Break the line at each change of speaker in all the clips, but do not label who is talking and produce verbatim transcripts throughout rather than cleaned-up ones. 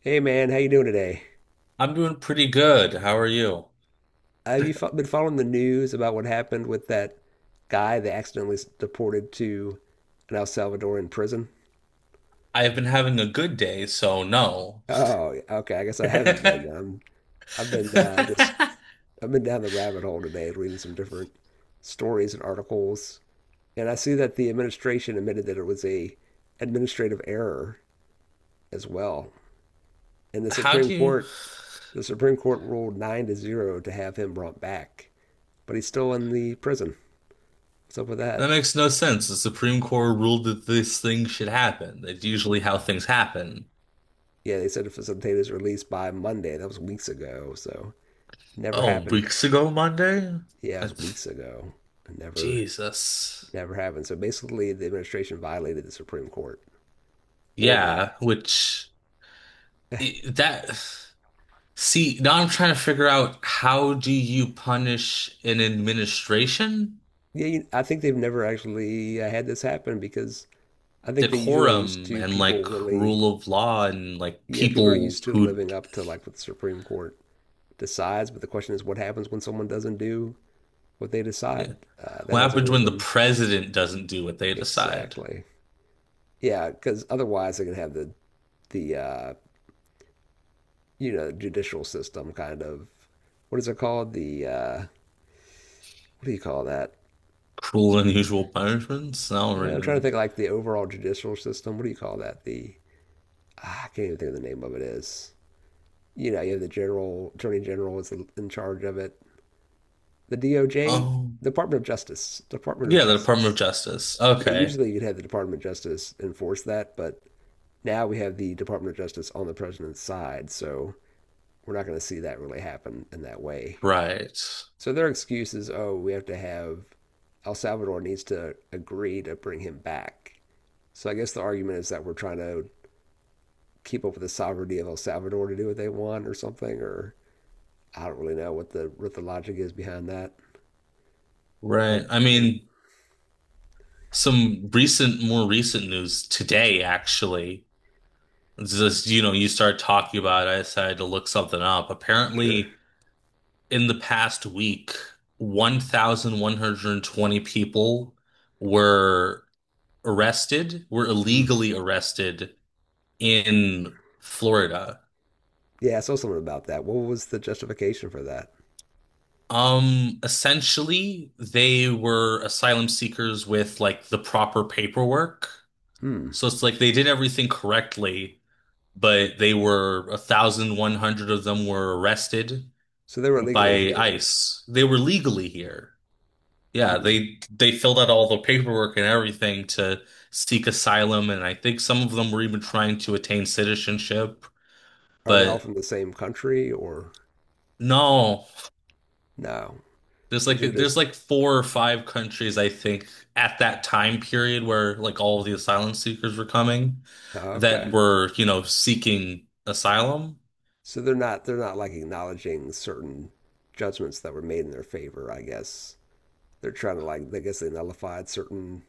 Hey man, how you doing today?
I'm doing pretty good. How are you?
Have you fo- been following the news about what happened with that guy they accidentally s- deported to an El Salvadoran prison?
I've been having a good day, so no.
Oh, okay. I guess I haven't been then. I'm, I've been uh, just I've been down the rabbit hole today, reading some different stories and articles, and I see that the administration admitted that it was a administrative error as well. And the
How
Supreme
do you?
Court, the Supreme Court ruled nine to zero to have him brought back, but he's still in the prison. What's up with
That
that?
makes no sense. The Supreme Court ruled that this thing should happen. That's usually how things happen.
Yeah, they said to facilitate his release by Monday. That was weeks ago, so never
Oh,
happened.
weeks ago Monday?
Yeah, it
I...
was weeks ago. Never,
Jesus.
never happened. So basically, the administration violated the Supreme Court order.
Yeah, which I- that see, now I'm trying to figure out, how do you punish an administration?
Yeah, I think they've never actually uh, had this happen because I think they usually are used
Decorum
to
and
people
like
really,
rule of law and like
yeah, people are
people
used to
who
living up to like what the Supreme Court decides. But the question is, what happens when someone doesn't do what they
yeah.
decide? Uh, that
What
hasn't
happens
really
when the
been
president doesn't do what they decide?
exactly. Yeah, because otherwise they're gonna have the the uh, you know, judicial system kind of, what is it called? The uh, what do you call that?
Cruel and unusual punishments? Snellring
I'm trying to
and
think like the overall judicial system. What do you call that? The ah, I can't even think of the name of it is. You know, you have the general attorney general is in charge of it. The D O J,
oh
Department of Justice, Department of
yeah, the Department of
Justice.
Justice.
Yeah,
Okay.
usually you'd have the Department of Justice enforce that, but now we have the Department of Justice on the president's side, so we're not going to see that really happen in that way.
Right.
So their excuse is, oh, we have to have El Salvador needs to agree to bring him back. So I guess the argument is that we're trying to keep up with the sovereignty of El Salvador to do what they want or something, or I don't really know what the what the logic is behind that.
Right.
Have,
I
have-
mean, some recent, more recent news today actually. It's just, you know, you start talking about it, I decided to look something up.
sure.
Apparently in the past week, one thousand one hundred twenty people were arrested, were
Hmm.
illegally arrested in Florida.
Yeah, I saw something about that. What was the justification for that?
Um, essentially, they were asylum seekers with like the proper paperwork.
Hmm.
So it's like they did everything correctly, but they were one thousand one hundred of them were arrested
So they were illegally
by
here.
ICE. They were legally here. Yeah,
Hmm.
they they filled out all the paperwork and everything to seek asylum, and I think some of them were even trying to attain citizenship.
Are they all
But
from the same country or
no,
no?
there's like
These are just,
there's like four or five countries I think at that time period where like all of the asylum seekers were coming
oh,
that
okay.
were, you know, seeking asylum.
So they're not, they're not like acknowledging certain judgments that were made in their favor. I guess they're trying to, like, I guess they nullified certain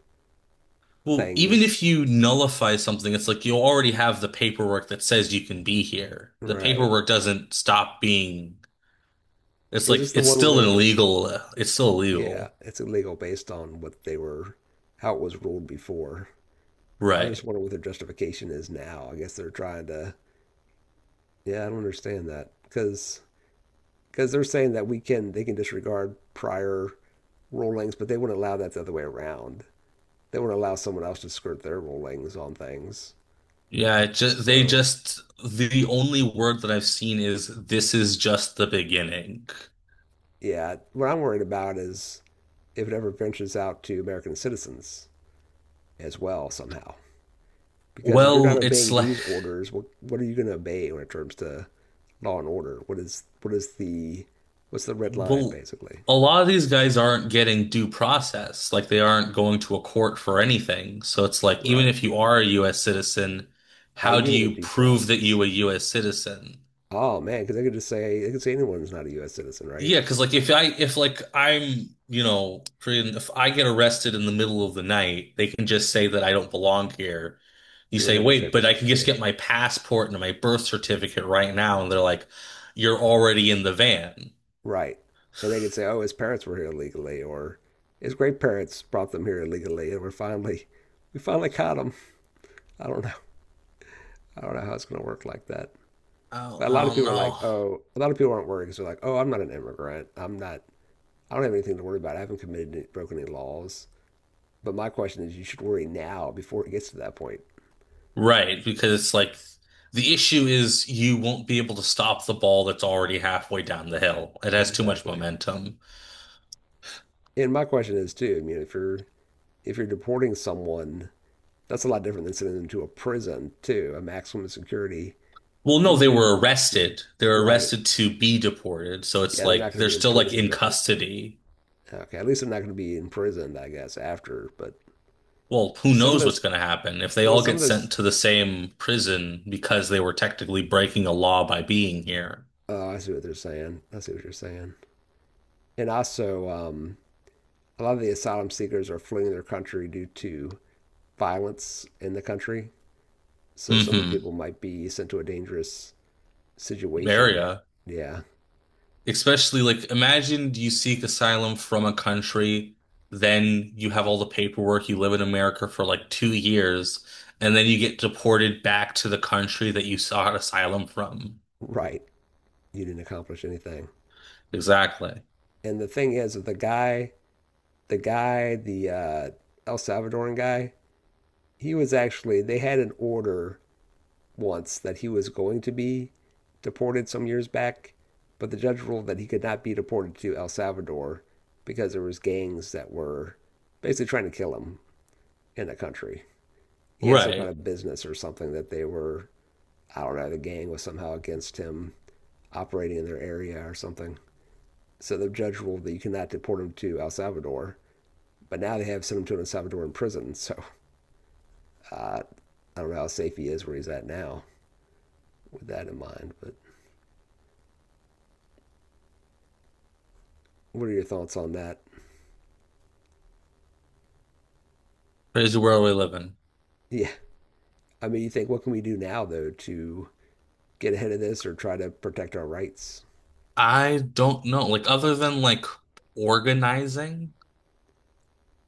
Well, even if
things.
you nullify something, it's like you already have the paperwork that says you can be here. The
Right?
paperwork doesn't stop being. It's
Is
like
this the
it's
one where they
still an
were to,
illegal. uh, It's still
yeah,
illegal,
it's illegal based on what they were, how it was ruled before. I was
right?
just wondering what their justification is now. I guess they're trying to. Yeah, I don't understand that because because they're saying that we can they can disregard prior rulings, but they wouldn't allow that the other way around. They wouldn't allow someone else to skirt their rulings on things.
Yeah, it just they
So,
just the only word that I've seen is this is just the beginning.
yeah, what I'm worried about is if it ever ventures out to American citizens as well somehow. Because if you're not
Well, it's
obeying
like
these orders, what what are you going to obey when it comes to law and order? What is what is the what's the red line
well,
basically?
a lot of these guys aren't getting due process. Like they aren't going to a court for anything. So it's like even
Right.
if you are a U S citizen,
Are
how
you
do
going to get
you
due
prove that
process?
you a U S citizen?
Oh man, because they could just say they could say anyone's not a U S citizen, right?
Yeah, because like if I if like I'm you know pretty- if I get arrested in the middle of the night, they can just say that I don't belong here. You
You don't
say,
have your
wait, but I
paperwork.
can just
Yeah.
get my passport and my birth certificate right now, and they're like, you're already in the van.
Right. And they could say, oh, his parents were here illegally, or his great parents brought them here illegally, and we're finally we finally caught him. I don't know. I don't know how it's going to work like that.
I
But
don't,
a
I
lot of
don't
people are
know.
like, oh, a lot of people aren't worried because they're like, oh, I'm not an immigrant. I'm not, I don't have anything to worry about. I haven't committed any, broken any laws. But my question is, you should worry now before it gets to that point.
Right, because it's like the issue is you won't be able to stop the ball that's already halfway down the hill. It has too much
Exactly.
momentum.
And my question is too. I mean, if you're if you're deporting someone, that's a lot different than sending them to a prison too, a maximum security.
Well,
We
no,
need to
they
be
were arrested. They are
right.
arrested to be deported. So it's
Yeah, they're not
like
going to
they're
be
still like
imprisoned
in
at least.
custody.
Okay, at least they're not going to be imprisoned, I guess, after. But
Well, who
some of
knows
those,
what's going to happen if they
well,
all
some
get
of those
sent to the same prison because they were technically breaking a law by being here.
oh, I see what they're saying. I see what you're saying. And also, um, a lot of the asylum seekers are fleeing their country due to violence in the country. So some of the
Hmm.
people might be sent to a dangerous situation.
Area.
Yeah,
Especially like imagine you seek asylum from a country, then you have all the paperwork, you live in America for like two years, and then you get deported back to the country that you sought asylum from.
right. You didn't accomplish anything.
Exactly.
And the thing is, the guy, the guy, the uh, El Salvadoran guy, he was actually, they had an order once that he was going to be deported some years back, but the judge ruled that he could not be deported to El Salvador because there was gangs that were basically trying to kill him in the country. He had some kind
Right.
of business or something that they were, I don't know, the gang was somehow against him operating in their area or something. So the judge ruled that you cannot deport him to El Salvador. But now they have sent him to El Salvador in prison. So uh, I don't know how safe he is where he's at now with that in mind. But what are your thoughts on that?
Crazy world we live in.
Yeah, I mean, you think, what can we do now, though, to get ahead of this or try to protect our rights?
I don't know. Like other than like organizing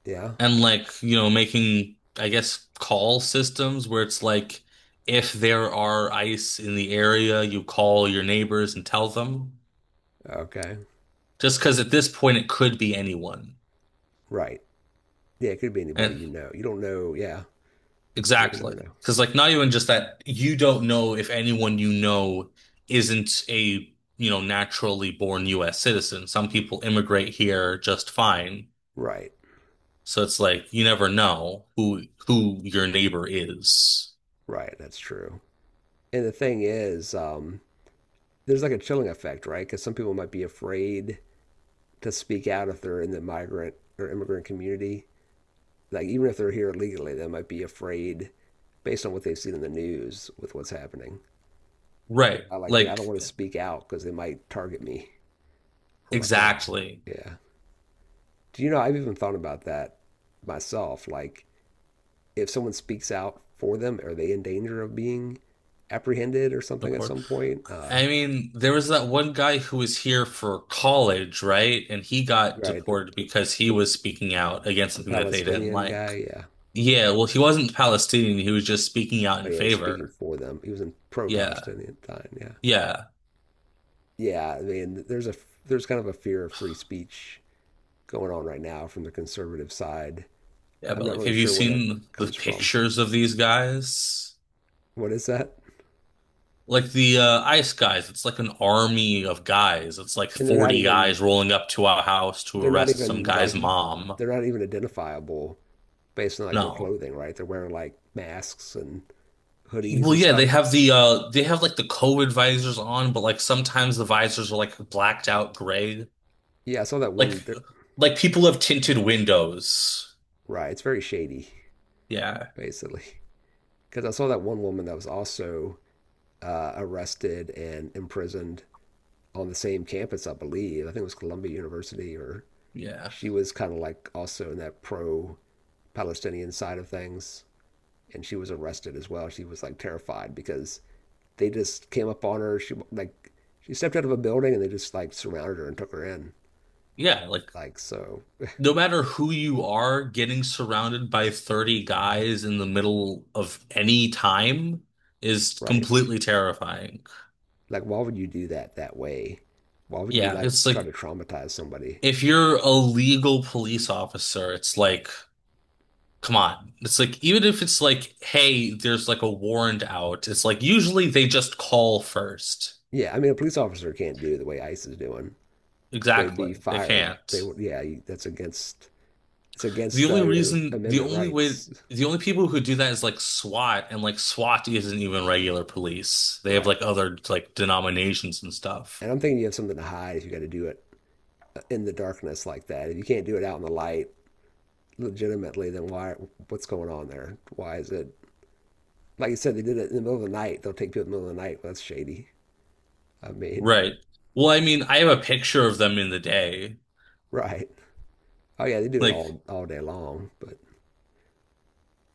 Yeah.
and like, you know, making I guess call systems where it's like if there are ice in the area, you call your neighbors and tell them.
Okay.
Just because at this point it could be anyone.
Right. Yeah, it could be anybody
And
you know. You don't know. Yeah. Yeah, you never
exactly.
know.
Because like not even just that you don't know if anyone you know isn't a, you know, naturally born U S citizen. Some people immigrate here just fine.
Right.
So it's like you never know who who your neighbor is.
Right. That's true. And the thing is, um, there's like a chilling effect, right? Because some people might be afraid to speak out if they're in the migrant or immigrant community. Like, even if they're here legally, they might be afraid based on what they've seen in the news with what's happening. They
Right.
might like think, I
Like
don't want to speak out because they might target me or my family.
exactly.
Yeah. Do you know, I've even thought about that myself. Like, if someone speaks out for them, are they in danger of being apprehended or something at
Newport.
some point? Uh,
I mean, there was that one guy who was here for college, right? And he got
right. The,
deported
the,
because he
the,
was speaking out against
the
something that they didn't
Palestinian
like.
guy. Yeah.
Yeah, well, he wasn't Palestinian, he was just speaking out
Oh,
in
yeah. He's speaking
favor.
for them. He was in
Yeah.
pro-Palestinian time. Yeah.
Yeah.
Yeah. I mean, there's a, there's kind of a fear of free speech going on right now from the conservative side.
Yeah,
I'm
but
not
like
really
have you
sure where that
seen the
comes from.
pictures of these guys?
What is that?
Like the uh, ice guys, it's like an army of guys. It's like
And they're not
forty
even
guys rolling up to our house to
they're not
arrest some
even
guy's
like
mom.
they're not even identifiable based on like their
No.
clothing, right? They're wearing like masks and hoodies
Well,
and
yeah, they
stuff.
have the uh they have like the COVID visors on, but like sometimes the visors are like blacked out gray.
Yeah, I saw that
Like
one. there-
like people have tinted windows.
Right, it's very shady,
Yeah.
basically. Because I saw that one woman that was also uh, arrested and imprisoned on the same campus, I believe. I think it was Columbia University, or
Yeah.
she was kind of like also in that pro-Palestinian side of things, and she was arrested as well. She was like terrified because they just came up on her. She like she stepped out of a building and they just like surrounded her and took her in.
Yeah, like
Like so,
no matter who you are, getting surrounded by thirty guys in the middle of any time is
right?
completely terrifying.
Like why would you do that that way? Why would you
Yeah,
like
it's
try
like
to traumatize somebody?
if you're a legal police officer, it's like, come on. It's like even if it's like, hey, there's like a warrant out, it's like usually they just call first.
Yeah, I mean a police officer can't do the way ICE is doing. They would be
Exactly. They
fired.
can't.
They would yeah, you- that's against, it's
The
against
only
uh, your
reason, the
amendment
only way,
rights.
the only people who do that is like SWAT, and like SWAT isn't even regular police. They have
Right.
like other like denominations and stuff.
And I'm thinking you have something to hide if you got to do it in the darkness like that. If you can't do it out in the light legitimately, then why, what's going on there? Why is it, like you said, they did it in the middle of the night. They'll take people in the middle of the night. Well, that's shady. I mean,
Right. Well, I mean, I have a picture of them in the day.
right. Oh, yeah, they do it
Like
all all day long. But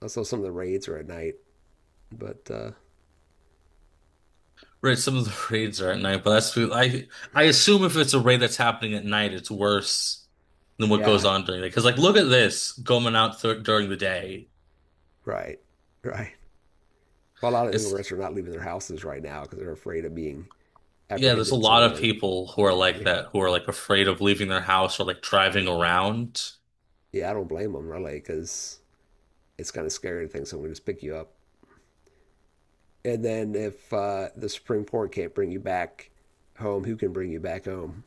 also some of the raids are at night. But uh,
right, some of the raids are at night, but that's I I assume if it's a raid that's happening at night, it's worse than what goes
yeah,
on during the. Because like, look at this going out th during the day.
right, right. Well, a lot of
It's
immigrants are not leaving their houses right now because they're afraid of being
yeah, there's a
apprehended
lot of
somewhere.
people who are like
Yeah,
that, who are like afraid of leaving their house or like driving around.
yeah, I don't blame them really because it's kind of scary to think someone just pick you up. And then if uh, the Supreme Court can't bring you back home, who can bring you back home?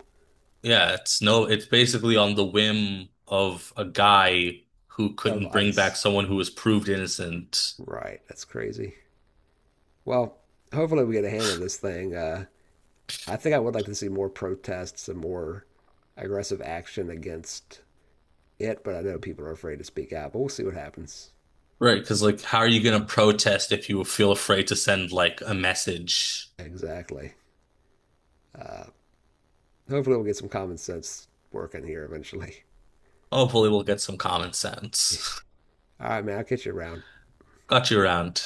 Yeah, it's no, it's basically on the whim of a guy who
Of
couldn't bring back
ICE.
someone who was proved innocent.
Right, that's crazy. Well, hopefully we get a handle on this thing. Uh, I think I would like to see more protests and more aggressive action against it, but I know people are afraid to speak out. But we'll see what happens.
Right, because like, how are you gonna protest if you feel afraid to send like a message?
Exactly. Hopefully we'll get some common sense working here eventually.
Hopefully, we'll get some common sense.
All right, man. I'll catch you around.
Got you around.